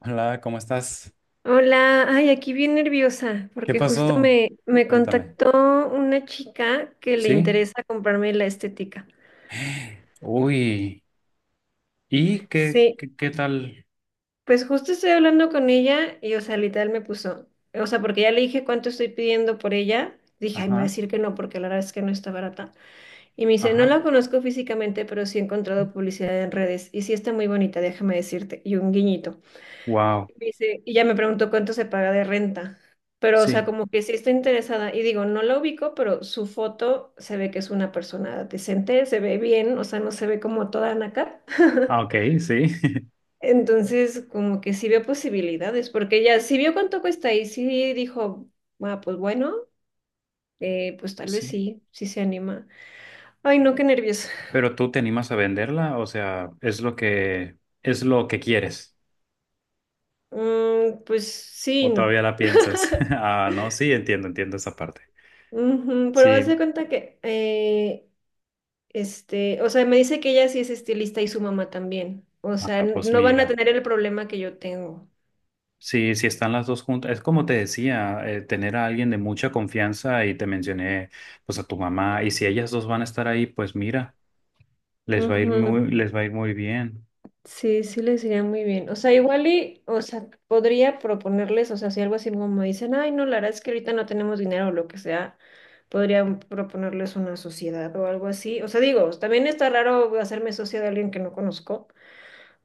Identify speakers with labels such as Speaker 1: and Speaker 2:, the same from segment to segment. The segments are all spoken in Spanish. Speaker 1: Hola, ¿cómo estás?
Speaker 2: Hola, ay, aquí bien nerviosa,
Speaker 1: ¿Qué
Speaker 2: porque justo
Speaker 1: pasó?
Speaker 2: me
Speaker 1: Cuéntame.
Speaker 2: contactó una chica que le
Speaker 1: ¿Sí?
Speaker 2: interesa comprarme la estética.
Speaker 1: Uy. ¿Y qué,
Speaker 2: Sí,
Speaker 1: qué, qué tal?
Speaker 2: pues justo estoy hablando con ella y, o sea, literal me puso, o sea, porque ya le dije cuánto estoy pidiendo por ella, dije, ay, me va a
Speaker 1: Ajá,
Speaker 2: decir que no, porque la verdad es que no está barata. Y me dice, no
Speaker 1: ajá.
Speaker 2: la conozco físicamente, pero sí he encontrado publicidad en redes y sí está muy bonita, déjame decirte, y un guiñito.
Speaker 1: Wow.
Speaker 2: Dice, y ya me preguntó cuánto se paga de renta. Pero, o sea,
Speaker 1: Sí.
Speaker 2: como que sí estoy interesada. Y digo, no la ubico, pero su foto se ve que es una persona decente, se ve bien, o sea, no se ve como toda naca.
Speaker 1: Ah, ok, sí.
Speaker 2: Entonces, como que sí veo posibilidades, porque ella sí vio cuánto cuesta y sí dijo, ah, pues bueno, pues tal vez
Speaker 1: Sí.
Speaker 2: sí, sí se anima. Ay, no, qué nervios.
Speaker 1: Pero tú te animas a venderla, o sea, es lo que quieres.
Speaker 2: Mm, pues sí, y
Speaker 1: ¿O
Speaker 2: no.
Speaker 1: todavía la piensas? Ah, no, sí, entiendo, entiendo esa parte.
Speaker 2: Ujú, pero haz de
Speaker 1: Sí.
Speaker 2: cuenta que o sea, me dice que ella sí es estilista y su mamá también. O sea,
Speaker 1: Ah, pues
Speaker 2: no van a
Speaker 1: mira.
Speaker 2: tener el problema que yo tengo.
Speaker 1: Sí, sí están las dos juntas. Es como te decía, tener a alguien de mucha confianza y te mencioné pues a tu mamá, y si ellas dos van a estar ahí, pues mira,
Speaker 2: Ujú,
Speaker 1: les va a ir muy bien.
Speaker 2: sí, sí les iría muy bien. O sea, igual y, o sea, podría proponerles, o sea, si algo así como me dicen, ay, no, la verdad es que ahorita no tenemos dinero o lo que sea, podría proponerles una sociedad o algo así. O sea, digo, también está raro hacerme socia de alguien que no conozco,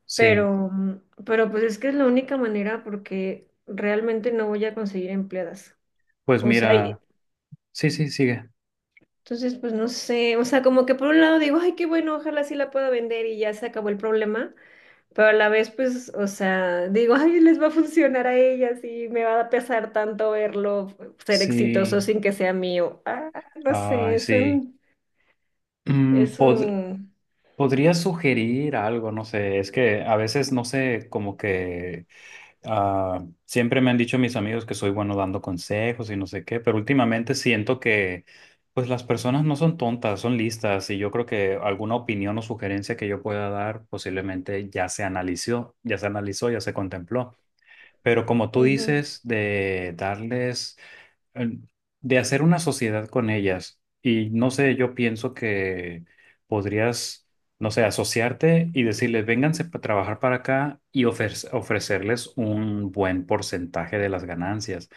Speaker 1: Sí,
Speaker 2: pero, pero pues es que es la única manera porque realmente no voy a conseguir empleadas.
Speaker 1: pues
Speaker 2: O sea,
Speaker 1: mira, sí, sí, sigue.
Speaker 2: entonces, pues no sé, o sea, como que por un lado digo, ay, qué bueno, ojalá sí la pueda vender y ya se acabó el problema, pero a la vez, pues, o sea, digo, ay, les va a funcionar a ellas y me va a pesar tanto verlo ser exitoso
Speaker 1: Sí,
Speaker 2: sin que sea mío. Ah, no sé,
Speaker 1: ay, sí. Mm,
Speaker 2: es
Speaker 1: pod-
Speaker 2: un,
Speaker 1: Podría sugerir algo, no sé, es que a veces no sé como que... Ah, siempre me han dicho mis amigos que soy bueno dando consejos y no sé qué, pero últimamente siento que pues las personas no son tontas, son listas, y yo creo que alguna opinión o sugerencia que yo pueda dar posiblemente ya se analizó, ya se contempló. Pero como tú
Speaker 2: ujú,
Speaker 1: dices de darles, eh, de hacer una sociedad con ellas. Y no sé, yo pienso que podrías, no sé, asociarte y decirles, vénganse a trabajar para acá, y ofrecerles un buen porcentaje de las ganancias,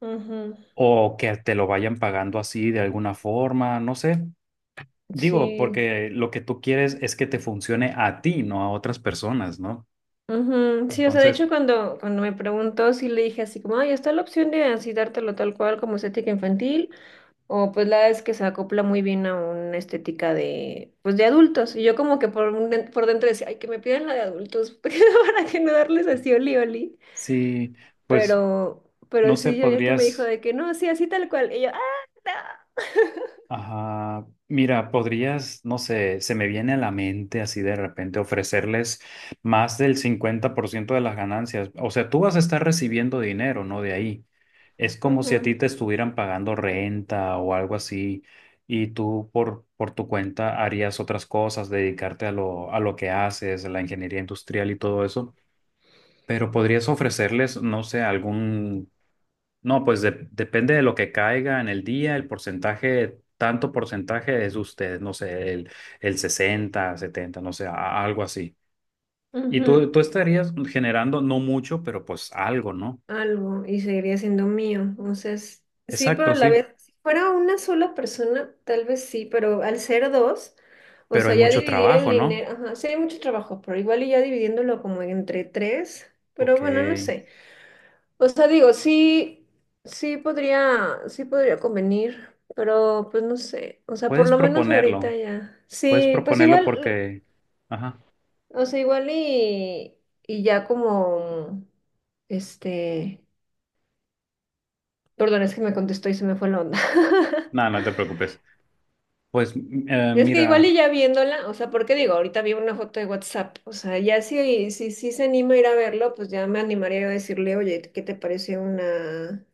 Speaker 2: ujú,
Speaker 1: o que te lo vayan pagando así de alguna forma, no sé. Digo,
Speaker 2: sí.
Speaker 1: porque lo que tú quieres es que te funcione a ti, no a otras personas, ¿no?
Speaker 2: Ujú, sí, o sea, de
Speaker 1: Entonces,
Speaker 2: hecho cuando me preguntó, sí le dije así como, ay, está la opción de así dártelo tal cual como estética infantil. O pues la verdad es que se acopla muy bien a una estética de, pues de adultos. Y yo como que por, por dentro decía, ay, que me pidan la de adultos, porque para que no darles así oli oli.
Speaker 1: sí, pues,
Speaker 2: Pero, pero
Speaker 1: no sé,
Speaker 2: sí, yo ya que me dijo
Speaker 1: podrías...
Speaker 2: de que no, sí, así tal cual. Y yo, ah,
Speaker 1: Ajá, mira, podrías, no sé, se me viene a la mente así de repente ofrecerles más del 50% de las ganancias. O sea, tú vas a estar recibiendo dinero, ¿no? De ahí. Es
Speaker 2: no.
Speaker 1: como si a ti
Speaker 2: Ujú,
Speaker 1: te estuvieran pagando renta o algo así, y tú por tu cuenta harías otras cosas, dedicarte a lo que haces, a la ingeniería industrial y todo eso. Pero podrías ofrecerles, no sé, algún... no, pues depende de lo que caiga en el día, el porcentaje, tanto porcentaje es usted, no sé, el 60, 70, no sé, algo así. Y
Speaker 2: ujú.
Speaker 1: tú estarías generando, no mucho, pero pues algo, ¿no?
Speaker 2: Algo y seguiría siendo mío. Entonces, sí, pero
Speaker 1: Exacto,
Speaker 2: a la
Speaker 1: sí.
Speaker 2: vez, si fuera una sola persona, tal vez sí, pero al ser dos, o
Speaker 1: Pero hay
Speaker 2: sea, ya
Speaker 1: mucho
Speaker 2: dividir el
Speaker 1: trabajo, ¿no?
Speaker 2: dinero, ajá, sí hay mucho trabajo, pero igual y ya dividiéndolo como entre tres, pero
Speaker 1: Ok.
Speaker 2: bueno, no sé. O sea, digo, sí, sí podría convenir, pero pues no sé, o sea, por
Speaker 1: Puedes
Speaker 2: lo menos ahorita
Speaker 1: proponerlo,
Speaker 2: ya.
Speaker 1: puedes
Speaker 2: Sí, pues
Speaker 1: proponerlo
Speaker 2: igual,
Speaker 1: porque... Ajá.
Speaker 2: o sea, igual y ya como, este... perdón, es que me contestó y se me fue la onda.
Speaker 1: No, no te preocupes. Pues
Speaker 2: Es que igual
Speaker 1: mira,
Speaker 2: y ya viéndola, o sea, porque digo, ahorita vi una foto de WhatsApp, o sea, ya si se anima a ir a verlo, pues ya me animaría yo a decirle, oye, ¿qué te parece una,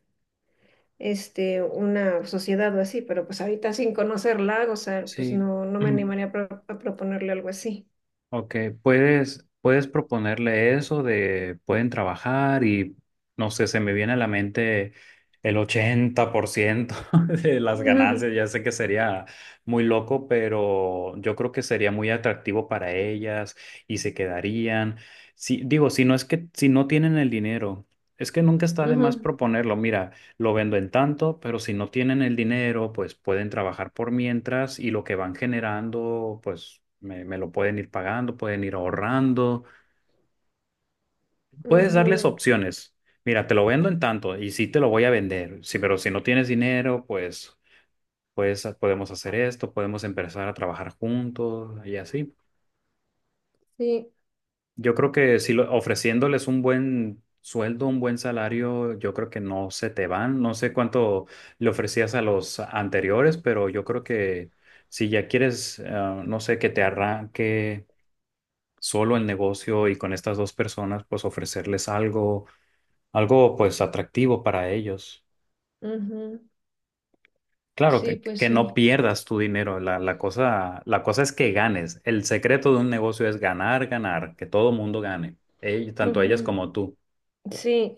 Speaker 2: una sociedad o así? Pero pues ahorita sin conocerla, o sea, pues
Speaker 1: sí.
Speaker 2: no, no me animaría a, a proponerle algo así.
Speaker 1: Ok, puedes proponerle eso de pueden trabajar y no sé, se me viene a la mente el 80% de las ganancias.
Speaker 2: Ujú,
Speaker 1: Ya sé que sería muy loco, pero yo creo que sería muy atractivo para ellas y se quedarían. Si, digo, si no es que si no tienen el dinero, es que nunca está de más
Speaker 2: ujú,
Speaker 1: proponerlo. Mira, lo vendo en tanto, pero si no tienen el dinero, pues pueden trabajar por mientras y lo que van generando, pues me lo pueden ir pagando, pueden ir ahorrando. Puedes darles
Speaker 2: ujú,
Speaker 1: opciones. Mira, te lo vendo en tanto y sí te lo voy a vender. Sí, pero si no tienes dinero, pues, pues podemos hacer esto, podemos empezar a trabajar juntos y así.
Speaker 2: sí,
Speaker 1: Yo creo que si ofreciéndoles un buen sueldo, un buen salario, yo creo que no se te van. No sé cuánto le ofrecías a los anteriores, pero yo creo que si ya quieres, ah, no sé, que te arranque solo el negocio, y con estas dos personas, pues ofrecerles algo, algo pues atractivo para ellos.
Speaker 2: ujú,
Speaker 1: Claro,
Speaker 2: sí, pues
Speaker 1: que
Speaker 2: sí.
Speaker 1: no pierdas tu dinero. La cosa es que ganes. El secreto de un negocio es ganar, ganar, que todo mundo gane, tanto ellas
Speaker 2: Ujú,
Speaker 1: como tú.
Speaker 2: sí.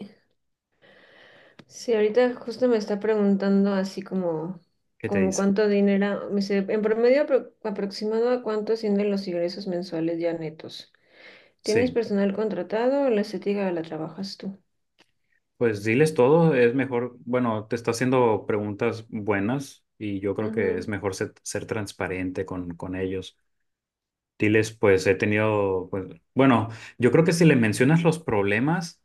Speaker 2: Sí, ahorita justo me está preguntando así como,
Speaker 1: ¿Qué te
Speaker 2: como
Speaker 1: dice?
Speaker 2: cuánto dinero, me dice, en promedio aproximado a cuánto ascienden los ingresos mensuales ya netos. ¿Tienes
Speaker 1: Sí,
Speaker 2: personal contratado o la estética la trabajas tú?
Speaker 1: pues
Speaker 2: Es-
Speaker 1: diles todo, es mejor, bueno, te está haciendo preguntas buenas y yo creo que
Speaker 2: Ujú,
Speaker 1: es mejor ser transparente con ellos. Diles, pues he tenido, pues, bueno, yo creo que si le mencionas los problemas,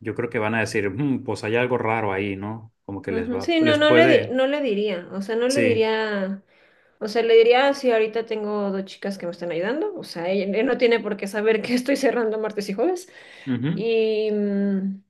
Speaker 1: yo creo que van a decir, "Mm, pues hay algo raro ahí, ¿no? Como que les
Speaker 2: ujú.
Speaker 1: va,
Speaker 2: Sí, no,
Speaker 1: les puede...",
Speaker 2: no le diría, o sea, no le
Speaker 1: sí.
Speaker 2: diría, o sea, le diría, "Ah, sí, ahorita tengo dos chicas que me están ayudando, o sea, ella, él no tiene por qué saber que estoy cerrando martes y jueves, y,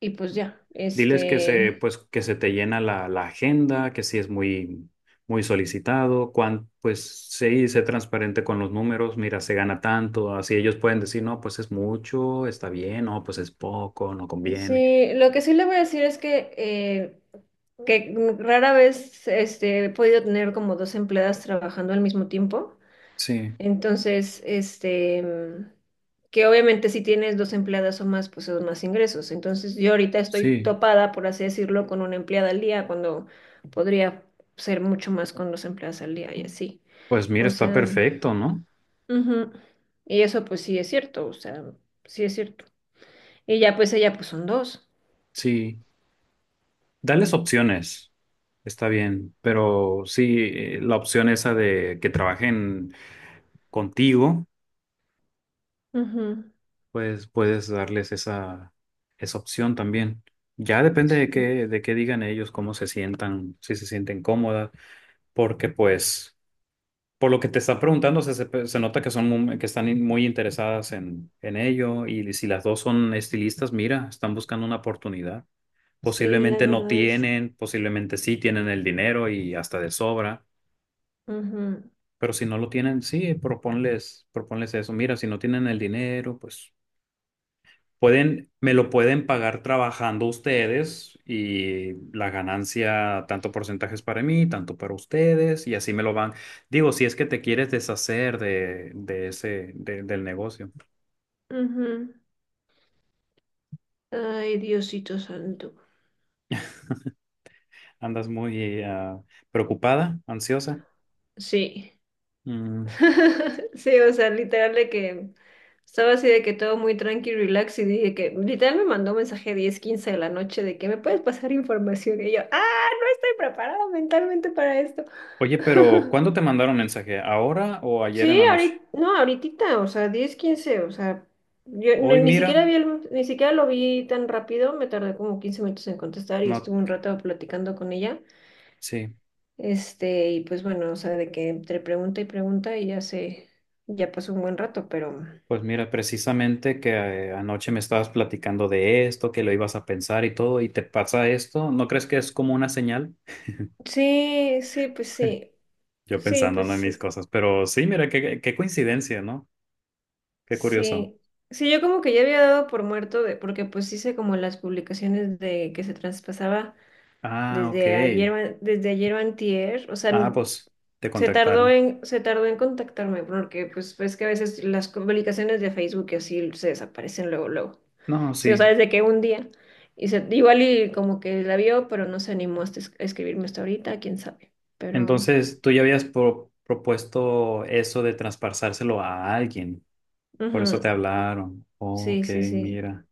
Speaker 2: y pues ya,
Speaker 1: Diles que se, pues, que se te llena la agenda, que sí es muy, muy solicitado, cuán, pues sí, sé transparente con los números, mira, se gana tanto, así ellos pueden decir, no, pues es mucho, está bien, no, pues es poco, no conviene.
Speaker 2: sí, lo que sí le voy a decir es que rara vez he podido tener como dos empleadas trabajando al mismo tiempo.
Speaker 1: Sí,
Speaker 2: Entonces, que obviamente si tienes dos empleadas o más, pues son más ingresos. Entonces, yo ahorita estoy
Speaker 1: sí,
Speaker 2: topada, por así decirlo, con una empleada al día, cuando podría ser mucho más con dos empleadas al día y así.
Speaker 1: pues mira,
Speaker 2: O
Speaker 1: está
Speaker 2: sea,
Speaker 1: perfecto, ¿no?
Speaker 2: ujú. Y eso pues sí es cierto, o sea, sí es cierto. Y ya pues ella pues son dos.
Speaker 1: Sí, dales opciones, está bien, pero sí, la opción esa de que trabajen contigo,
Speaker 2: Ujú.
Speaker 1: pues puedes darles esa, esa opción también. Ya depende
Speaker 2: Sí.
Speaker 1: de qué digan ellos, cómo se sientan, si se sienten cómodas, porque pues, por lo que te están preguntando, se nota que son muy... que están in- muy interesadas en ello, y si las dos son estilistas, mira, están buscando una oportunidad.
Speaker 2: Sí, la
Speaker 1: Posiblemente no
Speaker 2: verdad es.
Speaker 1: tienen, posiblemente sí tienen el dinero y hasta de sobra,
Speaker 2: Ujú,
Speaker 1: pero si no lo tienen, sí, proponles, proponles eso. Mira, si no tienen el dinero, pues pueden, me lo pueden pagar trabajando ustedes, y la ganancia, tanto porcentajes para mí, tanto para ustedes, y así me lo van. Digo, si es que te quieres deshacer de, del negocio.
Speaker 2: ujú. Ay, Diosito santo.
Speaker 1: Andas muy ah, preocupada, ansiosa.
Speaker 2: Sí.
Speaker 1: Mm.
Speaker 2: Sí, o sea, literal de que estaba así de que todo muy tranqui, relax, y dije que literal me mandó un mensaje 10:15 de la noche de que me puedes pasar información. Y yo, ah, no estoy preparada mentalmente para esto.
Speaker 1: Oye, pero ¿cuándo te mandaron mensaje? ¿Ahora o ayer en
Speaker 2: Sí,
Speaker 1: la noche?
Speaker 2: ahorita, no, ahorita, o sea, 10:15 o sea, yo ni,
Speaker 1: Hoy,
Speaker 2: ni
Speaker 1: mira,
Speaker 2: siquiera vi ni siquiera lo vi tan rápido, me tardé como 15 minutos en contestar y
Speaker 1: no,
Speaker 2: estuve un rato platicando con ella.
Speaker 1: sí.
Speaker 2: Y pues bueno, o sea, de que entre pregunta y pregunta y ya se, ya pasó un buen rato, pero
Speaker 1: Pues mira, precisamente que anoche me estabas platicando de esto, que lo ibas a pensar y todo, y te pasa esto, ¿no crees que es como una señal?
Speaker 2: sí, sí, pues sí,
Speaker 1: Yo
Speaker 2: sí,
Speaker 1: pensando ¿no?
Speaker 2: pues
Speaker 1: en mis
Speaker 2: sí,
Speaker 1: cosas, pero sí, mira, qué coincidencia, ¿no? Qué curioso.
Speaker 2: sí. Sí, yo como que ya había dado por muerto de, porque pues hice como las publicaciones de que se traspasaba
Speaker 1: Ah,
Speaker 2: desde ayer,
Speaker 1: ok.
Speaker 2: o desde ayer o antier, o sea,
Speaker 1: Ah, pues te
Speaker 2: Se tardó
Speaker 1: contactaron.
Speaker 2: en, se tardó en contactarme porque pues ves que a veces las publicaciones de Facebook y así se desaparecen luego, luego.
Speaker 1: No,
Speaker 2: Sí, o sea,
Speaker 1: sí.
Speaker 2: desde que un día. Y se, igual y como que la vio, pero no se animó a a escribirme hasta ahorita, quién sabe. Pero,
Speaker 1: Entonces, tú ya habías propuesto eso de traspasárselo a alguien, por eso
Speaker 2: ujú,
Speaker 1: te hablaron.
Speaker 2: sí,
Speaker 1: Ok,
Speaker 2: sí, sí.
Speaker 1: mira.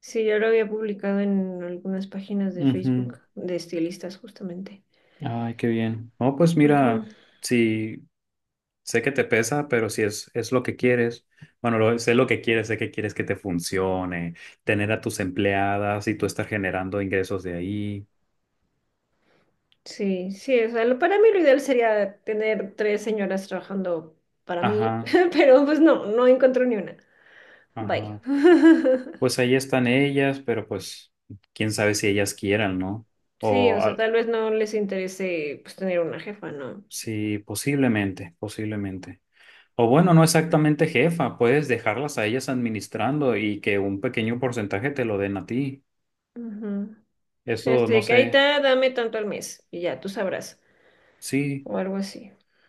Speaker 2: Sí, yo lo había publicado en algunas páginas de
Speaker 1: Ujú.
Speaker 2: Facebook de estilistas justamente.
Speaker 1: Ay, qué bien. Oh, pues
Speaker 2: Ujú,
Speaker 1: mira. Sí, sé que te pesa, pero si es, es lo que quieres, bueno, sé lo que quieres, sé que quieres que te funcione, tener a tus empleadas y tú estar generando ingresos de ahí.
Speaker 2: sí, sí, o sea, para mí lo ideal sería tener tres señoras trabajando para mí,
Speaker 1: Ajá,
Speaker 2: pero pues no, no encontré ni una. Bye.
Speaker 1: ajá. Pues ahí están ellas, pero pues quién sabe si ellas quieran, ¿no?
Speaker 2: Sí, o
Speaker 1: O
Speaker 2: sea,
Speaker 1: ah,
Speaker 2: tal vez no les interese pues tener una jefa, ¿no?
Speaker 1: sí, posiblemente, posiblemente. O bueno, no exactamente jefa, puedes dejarlas a ellas administrando y que un pequeño porcentaje te lo den a ti.
Speaker 2: Ujú. Sí,
Speaker 1: Eso
Speaker 2: así
Speaker 1: no
Speaker 2: de que ahí
Speaker 1: sé.
Speaker 2: está, dame tanto al mes y ya, tú sabrás.
Speaker 1: Sí.
Speaker 2: O algo así.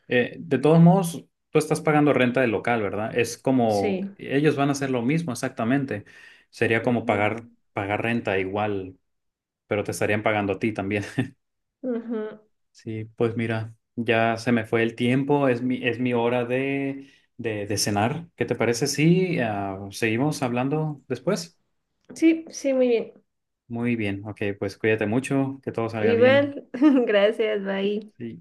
Speaker 1: De todos modos, tú estás pagando renta del local, ¿verdad? Es como,
Speaker 2: Sí.
Speaker 1: ellos van a hacer lo mismo exactamente. Sería como
Speaker 2: Ujú.
Speaker 1: pagar, pagar renta igual, pero te estarían pagando a ti también.
Speaker 2: Ujú.
Speaker 1: Sí, pues mira, ya se me fue el tiempo, es mi hora de, de cenar. ¿Qué te parece si ah, seguimos hablando después?
Speaker 2: Sí, sí, muy bien.
Speaker 1: Muy bien, ok, pues cuídate mucho, que todo salga bien.
Speaker 2: Igual, gracias, bye.
Speaker 1: Sí.